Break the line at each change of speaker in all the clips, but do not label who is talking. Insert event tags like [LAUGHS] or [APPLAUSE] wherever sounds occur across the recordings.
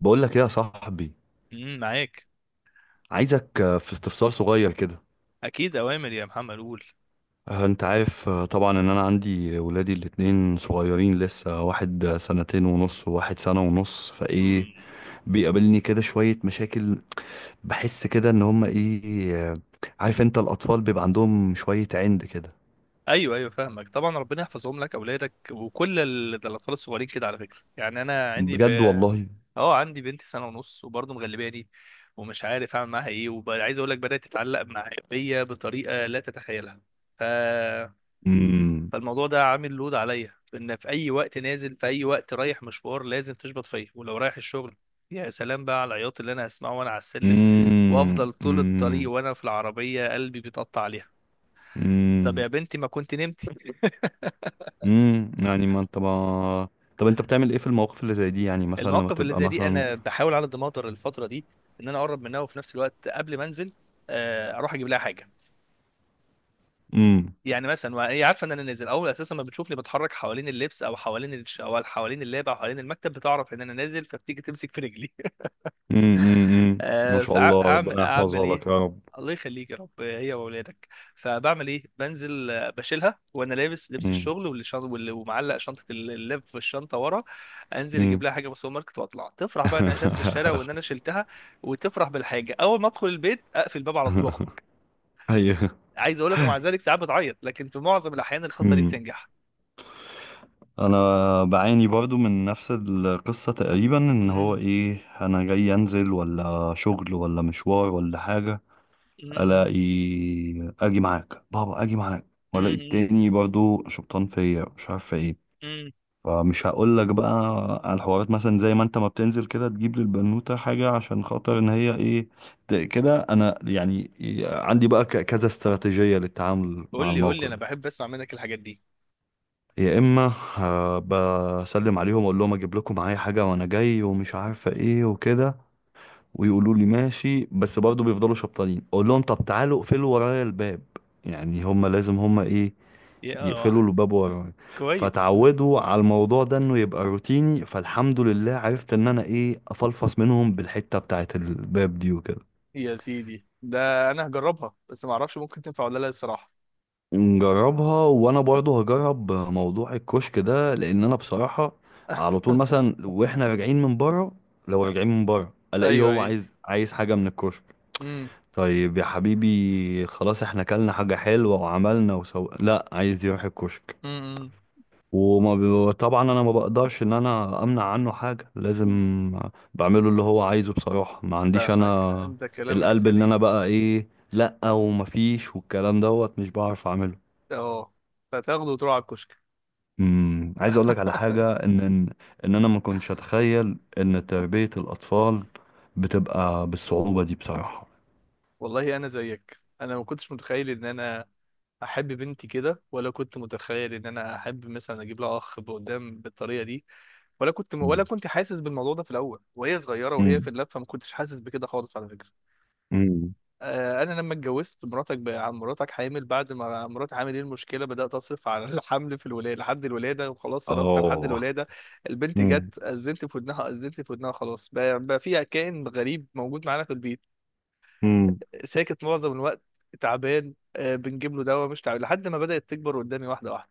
بقول لك ايه يا صاحبي؟
معاك.
عايزك، في استفسار صغير كده.
اكيد، اوامر يا محمد، قول.
انت عارف، طبعا ان انا عندي ولادي الاتنين صغيرين لسه، واحد سنتين ونص وواحد سنة ونص فايه.
امم
بيقابلني كده شوية مشاكل. بحس كده ان هما ايه عارف انت الاطفال بيبقى عندهم شوية عند كده.
ايوه، ايوه، فاهمك. طبعا ربنا يحفظهم لك اولادك، وكل ده الاطفال الصغيرين كده على فكره. يعني انا عندي، في
بجد والله.
اه عندي بنتي سنه ونص، وبرضه مغلباني، ومش عارف اعمل معاها ايه. وعايز اقول لك، بدات تتعلق بيا بطريقه لا تتخيلها. ف
امم،
فالموضوع ده عامل لود عليا، ان في اي وقت نازل، في اي وقت رايح مشوار، لازم تشبط فيا. ولو رايح الشغل، يا سلام بقى على العياط اللي انا هسمعه وانا على السلم.
امم.
وافضل طول الطريق
امم،
وانا في العربيه قلبي بيتقطع عليها. طب
امم.
يا بنتي، ما كنت نمتي؟
امم. يعني ما انت ما طب انت بتعمل ايه في المواقف اللي زي دي؟ يعني مثلا لما
المواقف اللي
تبقى
زي دي
مثلا.
انا بحاول على قد ما اقدر الفتره دي ان انا اقرب منها، وفي نفس الوقت قبل ما انزل اروح اجيب لها حاجه.
مم.
يعني مثلا وهي عارفه ان انا نازل، اول اساسا ما بتشوفني بتحرك حوالين اللبس، او حوالين او حوالين اللاب، او حوالين المكتب، بتعرف ان انا نازل، فبتيجي تمسك في رجلي.
امم. ما شاء الله، ربنا
فاعمل
يحفظها
ايه؟
لك يا رب.
الله يخليك يا رب، هي واولادك. فبعمل ايه؟ بنزل بشيلها وانا لابس لبس
امم،
الشغل، واللي شنط واللي، ومعلق شنطه اللاب في الشنطه ورا. انزل اجيب
امم.
لها حاجه من السوبر ماركت، واطلع تفرح بقى انها شافت الشارع
[LAUGHS]
وان انا شلتها. وتفرح بالحاجه. اول ما ادخل البيت اقفل الباب على طول واخرج.
ايوه.
عايز اقول لك، ومع ذلك ساعات بتعيط، لكن في معظم الاحيان الخطه دي
امم.
بتنجح.
انا بعاني برضو من نفس القصة تقريبا، ان هو
امم.
ايه، انا جاي انزل ولا شغل ولا مشوار ولا حاجة،
امم.
الاقي اجي معاك بابا، اجي معاك، والاقي
امم.
التاني برضو شبطان فيا مش عارف ايه.
امم.
فمش هقول لك بقى على الحوارات، مثلا زي ما انت ما بتنزل كده تجيب للبنوتة حاجة عشان خاطر ان هي ايه، كده انا يعني عندي بقى كذا استراتيجية للتعامل
قول
مع
لي، قول لي،
الموقف
انا
ده.
بحب اسمع منك الحاجات دي.
يا اما بسلم عليهم، اقول لهم اجيب لكم معايا حاجة وانا جاي ومش عارفة ايه وكده، ويقولوا لي ماشي، بس برضه بيفضلوا شبطانين، اقول لهم طب تعالوا اقفلوا ورايا الباب. يعني هما لازم هما ايه،
يا اه
يقفلوا الباب ورايا.
[LAUGHS] كويس.
فتعودوا على الموضوع ده انه يبقى روتيني، فالحمد لله عرفت ان انا ايه، افلفص منهم بالحتة بتاعت الباب دي وكده.
يا سيدي، ده انا هجربها، بس ما اعرفش ممكن تنفع ولا لا الصراحه.
نجربها، وانا برضو هجرب موضوع الكشك ده، لان انا بصراحة على طول
[LAUGHS]
مثلا واحنا راجعين من بره، لو راجعين من بره الاقيه
ايوه،
هو
ايوه.
عايز حاجة من الكشك.
امم.
طيب يا حبيبي خلاص، احنا كلنا حاجة حلوة وعملنا وسو، لا عايز يروح الكشك.
امم.
وما طبعا انا ما بقدرش ان انا امنع عنه حاجة، لازم
امم.
بعمله اللي هو عايزه بصراحة. ما عنديش
فاهمك،
انا
انت كلامك
القلب اللي
سليم.
انا بقى ايه، لا ومفيش والكلام دوت، مش بعرف اعمله.
اه، فتاخده وتروح على الكشك.
عايز اقولك على
[LAUGHS]
حاجة، ان ان إن انا ما كنتش اتخيل ان تربية الاطفال بتبقى بالصعوبة دي بصراحة.
والله انا زيك، انا ما كنتش متخيل ان انا احب بنتي كده، ولا كنت متخيل ان انا احب مثلا اجيب لها اخ قدام بالطريقه دي. ولا
مم.
كنت حاسس بالموضوع ده في الاول وهي صغيره وهي
مم.
في اللفه، ما كنتش حاسس بكده خالص على فكره.
مم.
انا لما اتجوزت، مراتك بقى مراتك حامل بعد ما مراتي حامل، ايه المشكله، بدات اصرف على [LAUGHS] الحمل في الولاده لحد الولاده، وخلاص صرفت لحد
اه.
الولاده. البنت
مم.
جت، اذنت في ودنها، اذنت في ودنها، خلاص بقى فيها كائن غريب موجود معانا في البيت.
مم.
ساكت معظم الوقت، تعبان بنجيب له دواء، مش تعبان، لحد ما بدات تكبر قدامي واحده واحده.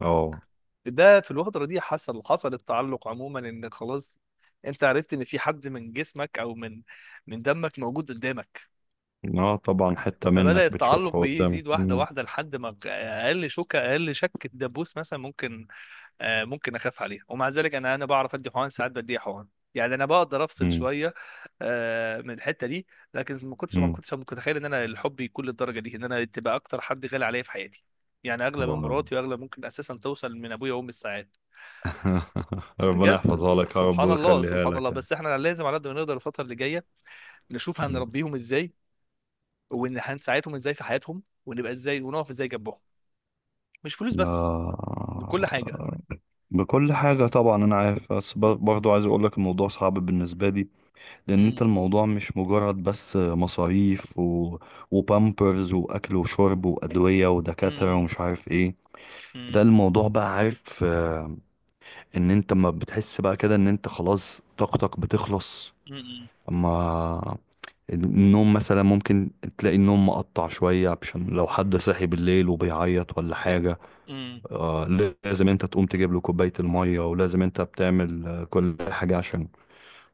اه.
ده في الفتره دي حصل، حصل التعلق عموما، ان خلاص انت عرفت ان في حد من جسمك، او من دمك موجود قدامك.
اه طبعا، حتة
فبدأ
منك
التعلق
بتشوفها
بيه
قدامك.
يزيد واحدة
مم.
واحدة، لحد ما أقل شك الدبوس مثلا ممكن، ممكن أخاف عليها. ومع ذلك أنا بعرف أدي حقن، ساعات بدي حقن. يعني أنا بقدر أفصل
مم.
شوية من الحتة دي. لكن ما
مم.
كنتش متخيل إن أنا الحب يكون للدرجة دي، إن أنا تبقى أكتر حد غالي عليا في حياتي. يعني أغلى من
طبعاً.
مراتي، وأغلى ممكن أساسا توصل من أبويا وأمي الساعات.
[LAUGHS] ربنا
بجد،
يحفظها لك يا رب
سبحان الله،
ويخليها
سبحان الله.
لك يعني.
بس احنا لازم على قد ما نقدر الفترة اللي جاية نشوف
م.
هنربيهم ازاي، وان هنساعدهم ازاي في حياتهم، ونبقى ازاي، ونقف ازاي جنبهم. مش فلوس بس، ده
آه.
كل حاجة.
بكل حاجة طبعا أنا عارف، بس
مم.
برضو عايز أقولك الموضوع صعب بالنسبة لي، لأن أنت
مم.
الموضوع مش مجرد بس مصاريف و... وبامبرز وأكل وشرب وأدوية ودكاترة
مم.
ومش عارف إيه. ده
مم.
الموضوع بقى، عارف آه، إن أنت ما بتحس بقى كده إن أنت خلاص طاقتك بتخلص.
مم.
أما النوم مثلا، ممكن تلاقي النوم مقطع شوية، عشان لو حد صاحي بالليل وبيعيط ولا
Yeah.
حاجة.
مم.
آه لازم انت تقوم تجيب له كوباية المية، ولازم انت بتعمل كل حاجة عشان.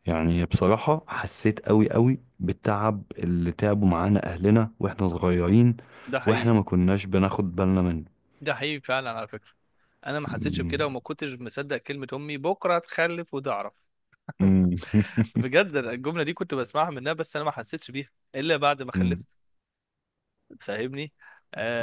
يعني بصراحة حسيت قوي قوي بالتعب اللي تعبوا معانا اهلنا واحنا صغيرين،
ده
واحنا
حقيقي.
ما كناش بناخد بالنا منه.
ده حقيقي فعلا على فكرة. انا ما حسيتش
مم.
بكده، وما كنتش مصدق كلمة امي، بكرة هتخلف وتعرف.
مم. [LAUGHS]
[LAUGHS] بجد، أنا الجملة دي كنت بسمعها منها، بس انا ما حسيتش بيها الا بعد ما
مم.
خلفت. فاهمني.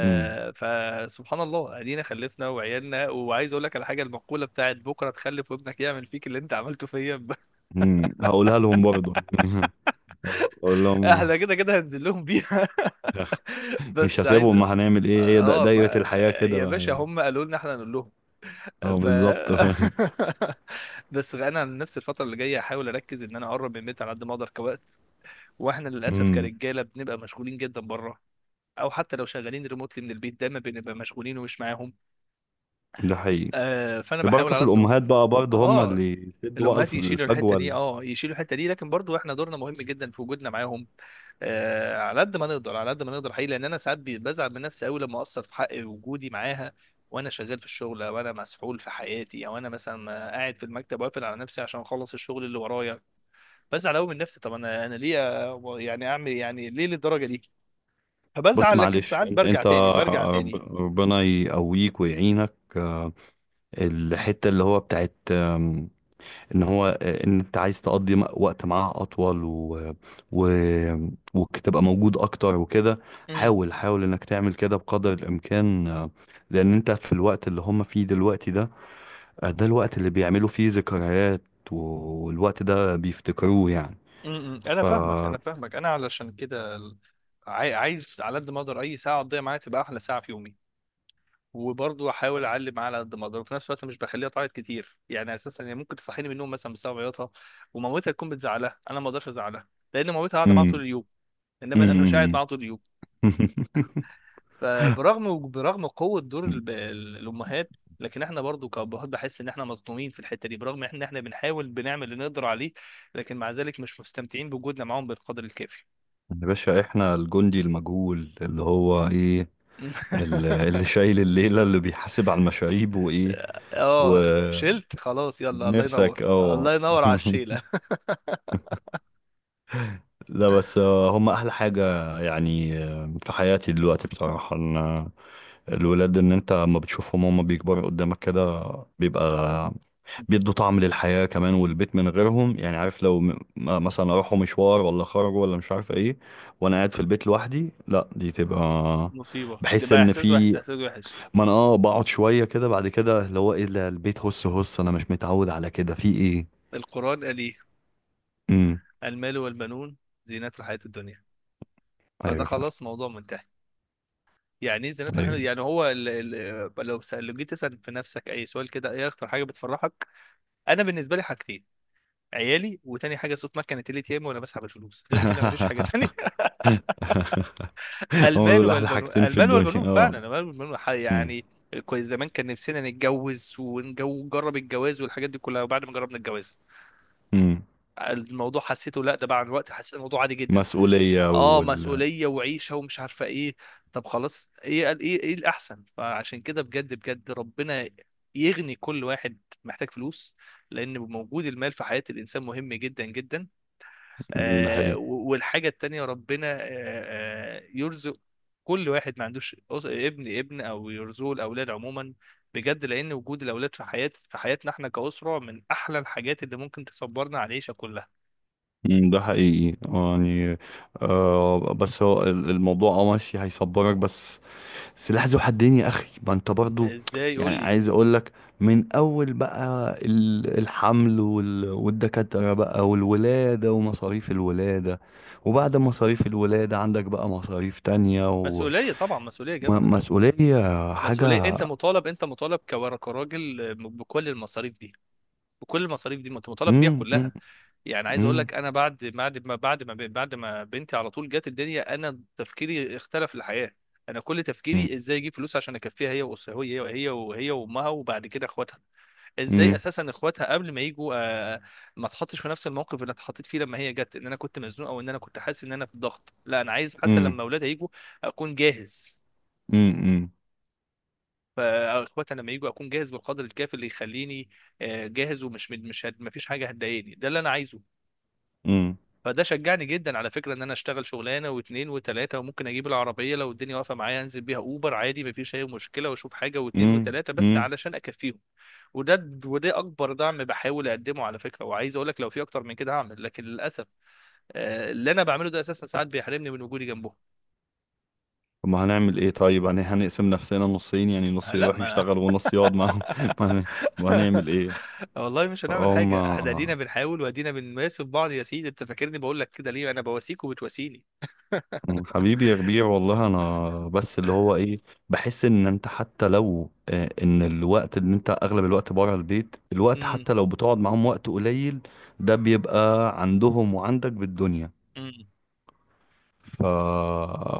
مم.
فسبحان الله، ادينا خلفنا وعيالنا. وعايز اقول لك على حاجه، المقوله بتاعت بكره تخلف وابنك يعمل فيك اللي انت عملته فيا
مم. هقولها لهم برضه. [LAUGHS] اقول
[LAUGHS]
لهم
احنا كده كده هنزل لهم بيها. [LAUGHS]
مش
بس عايز.
هسيبهم، ما هنعمل ايه، هي
اه
دايرة
ما...
الحياة كده
يا
بقى
باشا،
يعني.
هم قالوا لنا احنا نقول لهم.
اه
ف
بالظبط. [LAUGHS]
[LAUGHS] بس انا عن نفسي، الفتره اللي جايه هحاول اركز ان انا اقرب من البيت على قد ما اقدر كوقت. واحنا للاسف
امم.
كرجاله بنبقى مشغولين جدا بره، او حتى لو شغالين ريموتلي من البيت دايما بنبقى مشغولين ومش معاهم.
ده حقيقي.
آه، فانا بحاول
البركه في
على قد ما.
الامهات بقى برضه، هم
اه،
اللي يسدوا بقى
الامهات يشيلوا الحته
الفجوه
دي، اه، يشيلوا الحته دي، لكن برضو احنا دورنا مهم جدا في وجودنا معاهم، على قد ما نقدر، على قد ما نقدر حقيقي، لان انا ساعات بزعل من نفسي قوي لما اقصر في حق وجودي معاها، وانا شغال في الشغل، او انا مسحول في حياتي، او انا مثلا قاعد في المكتب واقفل على نفسي عشان اخلص الشغل اللي ورايا. بزعل قوي من نفسي. طب انا ليه يعني اعمل إيه؟ يعني ليه للدرجه دي؟
بص
فبزعل، لكن
معلش،
ساعات
انت انت
برجع تاني.
ربنا يقويك ويعينك. الحته اللي هو بتاعت ان هو ان انت عايز تقضي وقت معاه اطول و... و... وتبقى موجود اكتر وكده.
امم
حاول حاول انك تعمل كده بقدر الامكان، لان انت في الوقت اللي هم فيه دلوقتي ده، ده الوقت اللي بيعملوا فيه ذكريات، والوقت ده بيفتكروه يعني.
انا
ف
فاهمك، انا علشان كده عايز على قد ما اقدر اي ساعه اقضيها معاها تبقى احلى ساعه في يومي. وبرضه احاول اعلي معاه على قد ما اقدر، وفي نفس الوقت مش بخليها تعيط كتير. يعني اساسا هي ممكن تصحيني من النوم مثلا بسبب عياطها، ومامتها تكون بتزعلها، انا ما اقدرش ازعلها لان مامتها قاعده معاها طول
مم.
اليوم، انما انا مش قاعد
مم.
معاها طول اليوم.
[LAUGHS]
فبرغم قوه دور الامهات، لكن احنا برضو كابهات بحس ان احنا مظلومين في الحته دي، برغم ان احنا بنحاول بنعمل اللي نقدر عليه، لكن مع ذلك مش مستمتعين بوجودنا معاهم بالقدر الكافي.
يا باشا، احنا الجندي المجهول اللي هو ايه،
[LAUGHS]
اللي شايل الليلة، اللي بيحاسب على المشاريب وايه
اه
و-
شلت خلاص، يلا، الله
ونفسك
ينور،
اه.
الله ينور
[LAUGHS]
على الشيله.
لا بس هم احلى حاجة يعني، في حياتي دلوقتي بصراحة ان الولاد، ان انت لما بتشوفهم هم بيكبروا قدامك كده، بيبقى بيدوا طعم للحياة كمان. والبيت من غيرهم، يعني عارف لو مثلا راحوا مشوار ولا خرجوا ولا مش عارف ايه وانا قاعد في البيت لوحدي، لا دي تبقى.
مصيبة، ده
بحس
بقى
ان
إحساس
في،
واحد، إحساس وحش.
ما انا اه بقعد شوية كده، بعد كده اللي هو ايه، ده البيت، هس هس، انا مش متعود على كده في ايه.
القرآن قال إيه؟
امم.
المال والبنون زينة الحياة الدنيا. فده
ايوه فعلا.
خلاص موضوع منتهي. يعني إيه زينة الحياة
ايوه.
الدنيا؟ يعني هو ال، لو لو جيت تسأل في نفسك أي سؤال كده، إيه أكتر حاجة بتفرحك؟ أنا بالنسبة لي حاجتين: عيالي، وتاني حاجة صوت مكنة الATM وأنا بسحب الفلوس. غير كده مفيش حاجة تانية.
[LAUGHS]
[LAUGHS]
هما
المال
دول احلى
والبنون،
حاجتين في
المال
الدنيا
والبنون
اه.
فعلا، المال والبنون
امم،
يعني. كويس، زمان كان نفسنا نتجوز ونجرب الجواز والحاجات دي كلها، وبعد ما جربنا الجواز
امم.
الموضوع حسيته، لا ده بعد الوقت حسيت الموضوع عادي جدا.
مسؤولية
اه،
وال
مسؤوليه وعيشه ومش عارفه ايه. طب خلاص، ايه قال، ايه ايه الاحسن؟ فعشان كده بجد بجد، ربنا يغني كل واحد محتاج فلوس، لان موجود المال في حياه الانسان مهم جدا جدا.
ده حقيقي.
والحاجه التانيه، ربنا يرزق كل واحد ما عندوش ابن او يرزقه الاولاد عموما. بجد، لان وجود الاولاد في حياه، في حياتنا احنا كاسره، من احلى الحاجات اللي ممكن تصبرنا على العيشه كلها.
مم، ده حقيقي يعني آه، بس هو الموضوع اه ماشي، هيصبرك بس سلاح ذو حدين يا اخي. ما انت برضو
ازاي
يعني
يقول لي؟
عايز اقول لك، من اول بقى الحمل والدكاترة بقى والولادة ومصاريف الولادة، وبعد مصاريف الولادة عندك بقى مصاريف تانية
مسؤوليه طبعا، مسؤوليه جامده.
ومسؤولية
مسؤوليه،
حاجة.
انت مطالب كراجل بكل المصاريف دي، انت مطالب بيها
مم. مم.
كلها. يعني عايز اقول
مم.
لك، انا بعد ما بنتي على طول جت الدنيا، انا تفكيري اختلف، الحياه، انا كل
مم.
تفكيري ازاي اجيب فلوس عشان اكفيها، هي واسرها، هي هي وهي وامها، وبعد كده اخواتها. ازاي
مم.
اساسا اخواتها قبل ما يجوا آه، ما اتحطش في نفس الموقف اللي اتحطيت فيه لما هي جت، ان انا كنت مزنوق، او ان انا كنت حاسس ان انا في ضغط. لا، انا عايز حتى
مم.
لما اولادها يجوا اكون جاهز،
مم.
فاخواتي لما يجوا اكون جاهز بالقدر الكافي اللي يخليني جاهز، ومش مش، ما فيش حاجه هتضايقني، ده اللي انا عايزه.
مم.
فده شجعني جدا على فكره ان انا اشتغل شغلانه واثنين وثلاثه، وممكن اجيب العربيه لو الدنيا واقفه معايا انزل بيها اوبر عادي ما فيش اي مشكله، واشوف حاجه واثنين
مم.
وثلاثه، بس
مم.
علشان اكفيهم. وده اكبر دعم بحاول اقدمه على فكره. وعايز اقول لك، لو في اكتر من كده هعمل، لكن للاسف اللي انا بعمله ده اساسا ساعات بيحرمني من وجودي جنبهم.
طب ما هنعمل ايه؟ طيب يعني هنقسم نفسنا نصين، يعني نص
لا
يروح
ما
يشتغل ونص يقعد معاهم. [LAUGHS] ما هن- ما هنعمل ايه.
[LAUGHS] والله مش هنعمل
فهم.
حاجة. احنا ادينا بنحاول، وادينا بنماسك بعض. يا سيدي، انت فاكرني بقول لك كده ليه؟ انا بواسيك وبتواسيني. [LAUGHS]
حبيبي يا ربيع، والله انا بس اللي هو ايه، بحس ان انت حتى لو ان الوقت اللي انت اغلب الوقت بره البيت، الوقت
امم
حتى لو بتقعد معاهم وقت قليل، ده بيبقى عندهم وعندك بالدنيا.
امم
ف...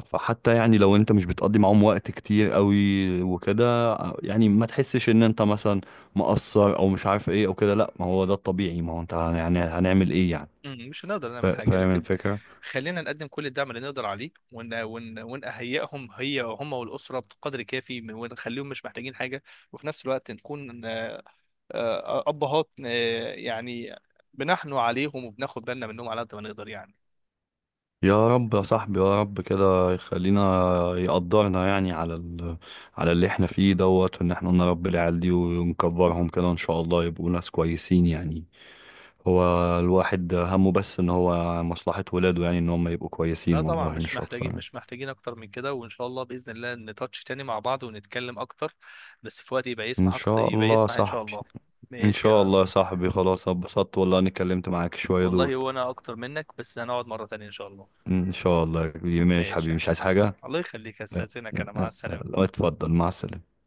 فحتى يعني لو انت مش بتقضي معاهم وقت كتير قوي وكده، يعني ما تحسش ان انت مثلا مقصر او مش عارف ايه او كده. لا، ما هو ده الطبيعي، ما هو انت يعني هنعمل ايه يعني.
امم، مش هنقدر نعمل حاجة،
فاهم
لكن
الفكرة.
خلينا نقدم كل الدعم اللي نقدر عليه، ون ون ونهيئهم، هي هم والأسرة بقدر كافي ونخليهم مش محتاجين حاجة. وفي نفس الوقت نكون أبهات يعني بنحنو عليهم، وبناخد بالنا منهم على قد ما نقدر يعني.
يا رب يا صاحبي، يا رب كده يخلينا يقدرنا يعني على ال... على اللي احنا فيه دوت، وان احنا نربي العيال دي ونكبرهم كده ان شاء الله يبقوا ناس كويسين يعني. هو الواحد همه بس ان هو مصلحة ولاده، يعني ان هم يبقوا كويسين
لا طبعا،
والله
مش
مش اكتر
محتاجين،
يعني.
مش محتاجين اكتر من كده. وان شاء الله باذن الله نتاتش تاني مع بعض ونتكلم اكتر، بس في وقت يبقى
ان
يسمح اكتر،
شاء
يبقى
الله يا
يسمح ان شاء
صاحبي.
الله.
ان
ماشي
شاء
يا
الله يا صاحبي، خلاص اتبسطت والله اني اتكلمت معاك شوية دول.
والله هو انا اكتر منك، بس هنقعد مره تانية ان شاء الله.
ان شاء الله يا كبير. ماشي
ماشي
حبيبي،
يا
مش
حبيبي،
عايز حاجة.
الله يخليك،
لا.
استاذنك،
لا
انا مع
لا
السلامه.
لا. اتفضل مع السلامة.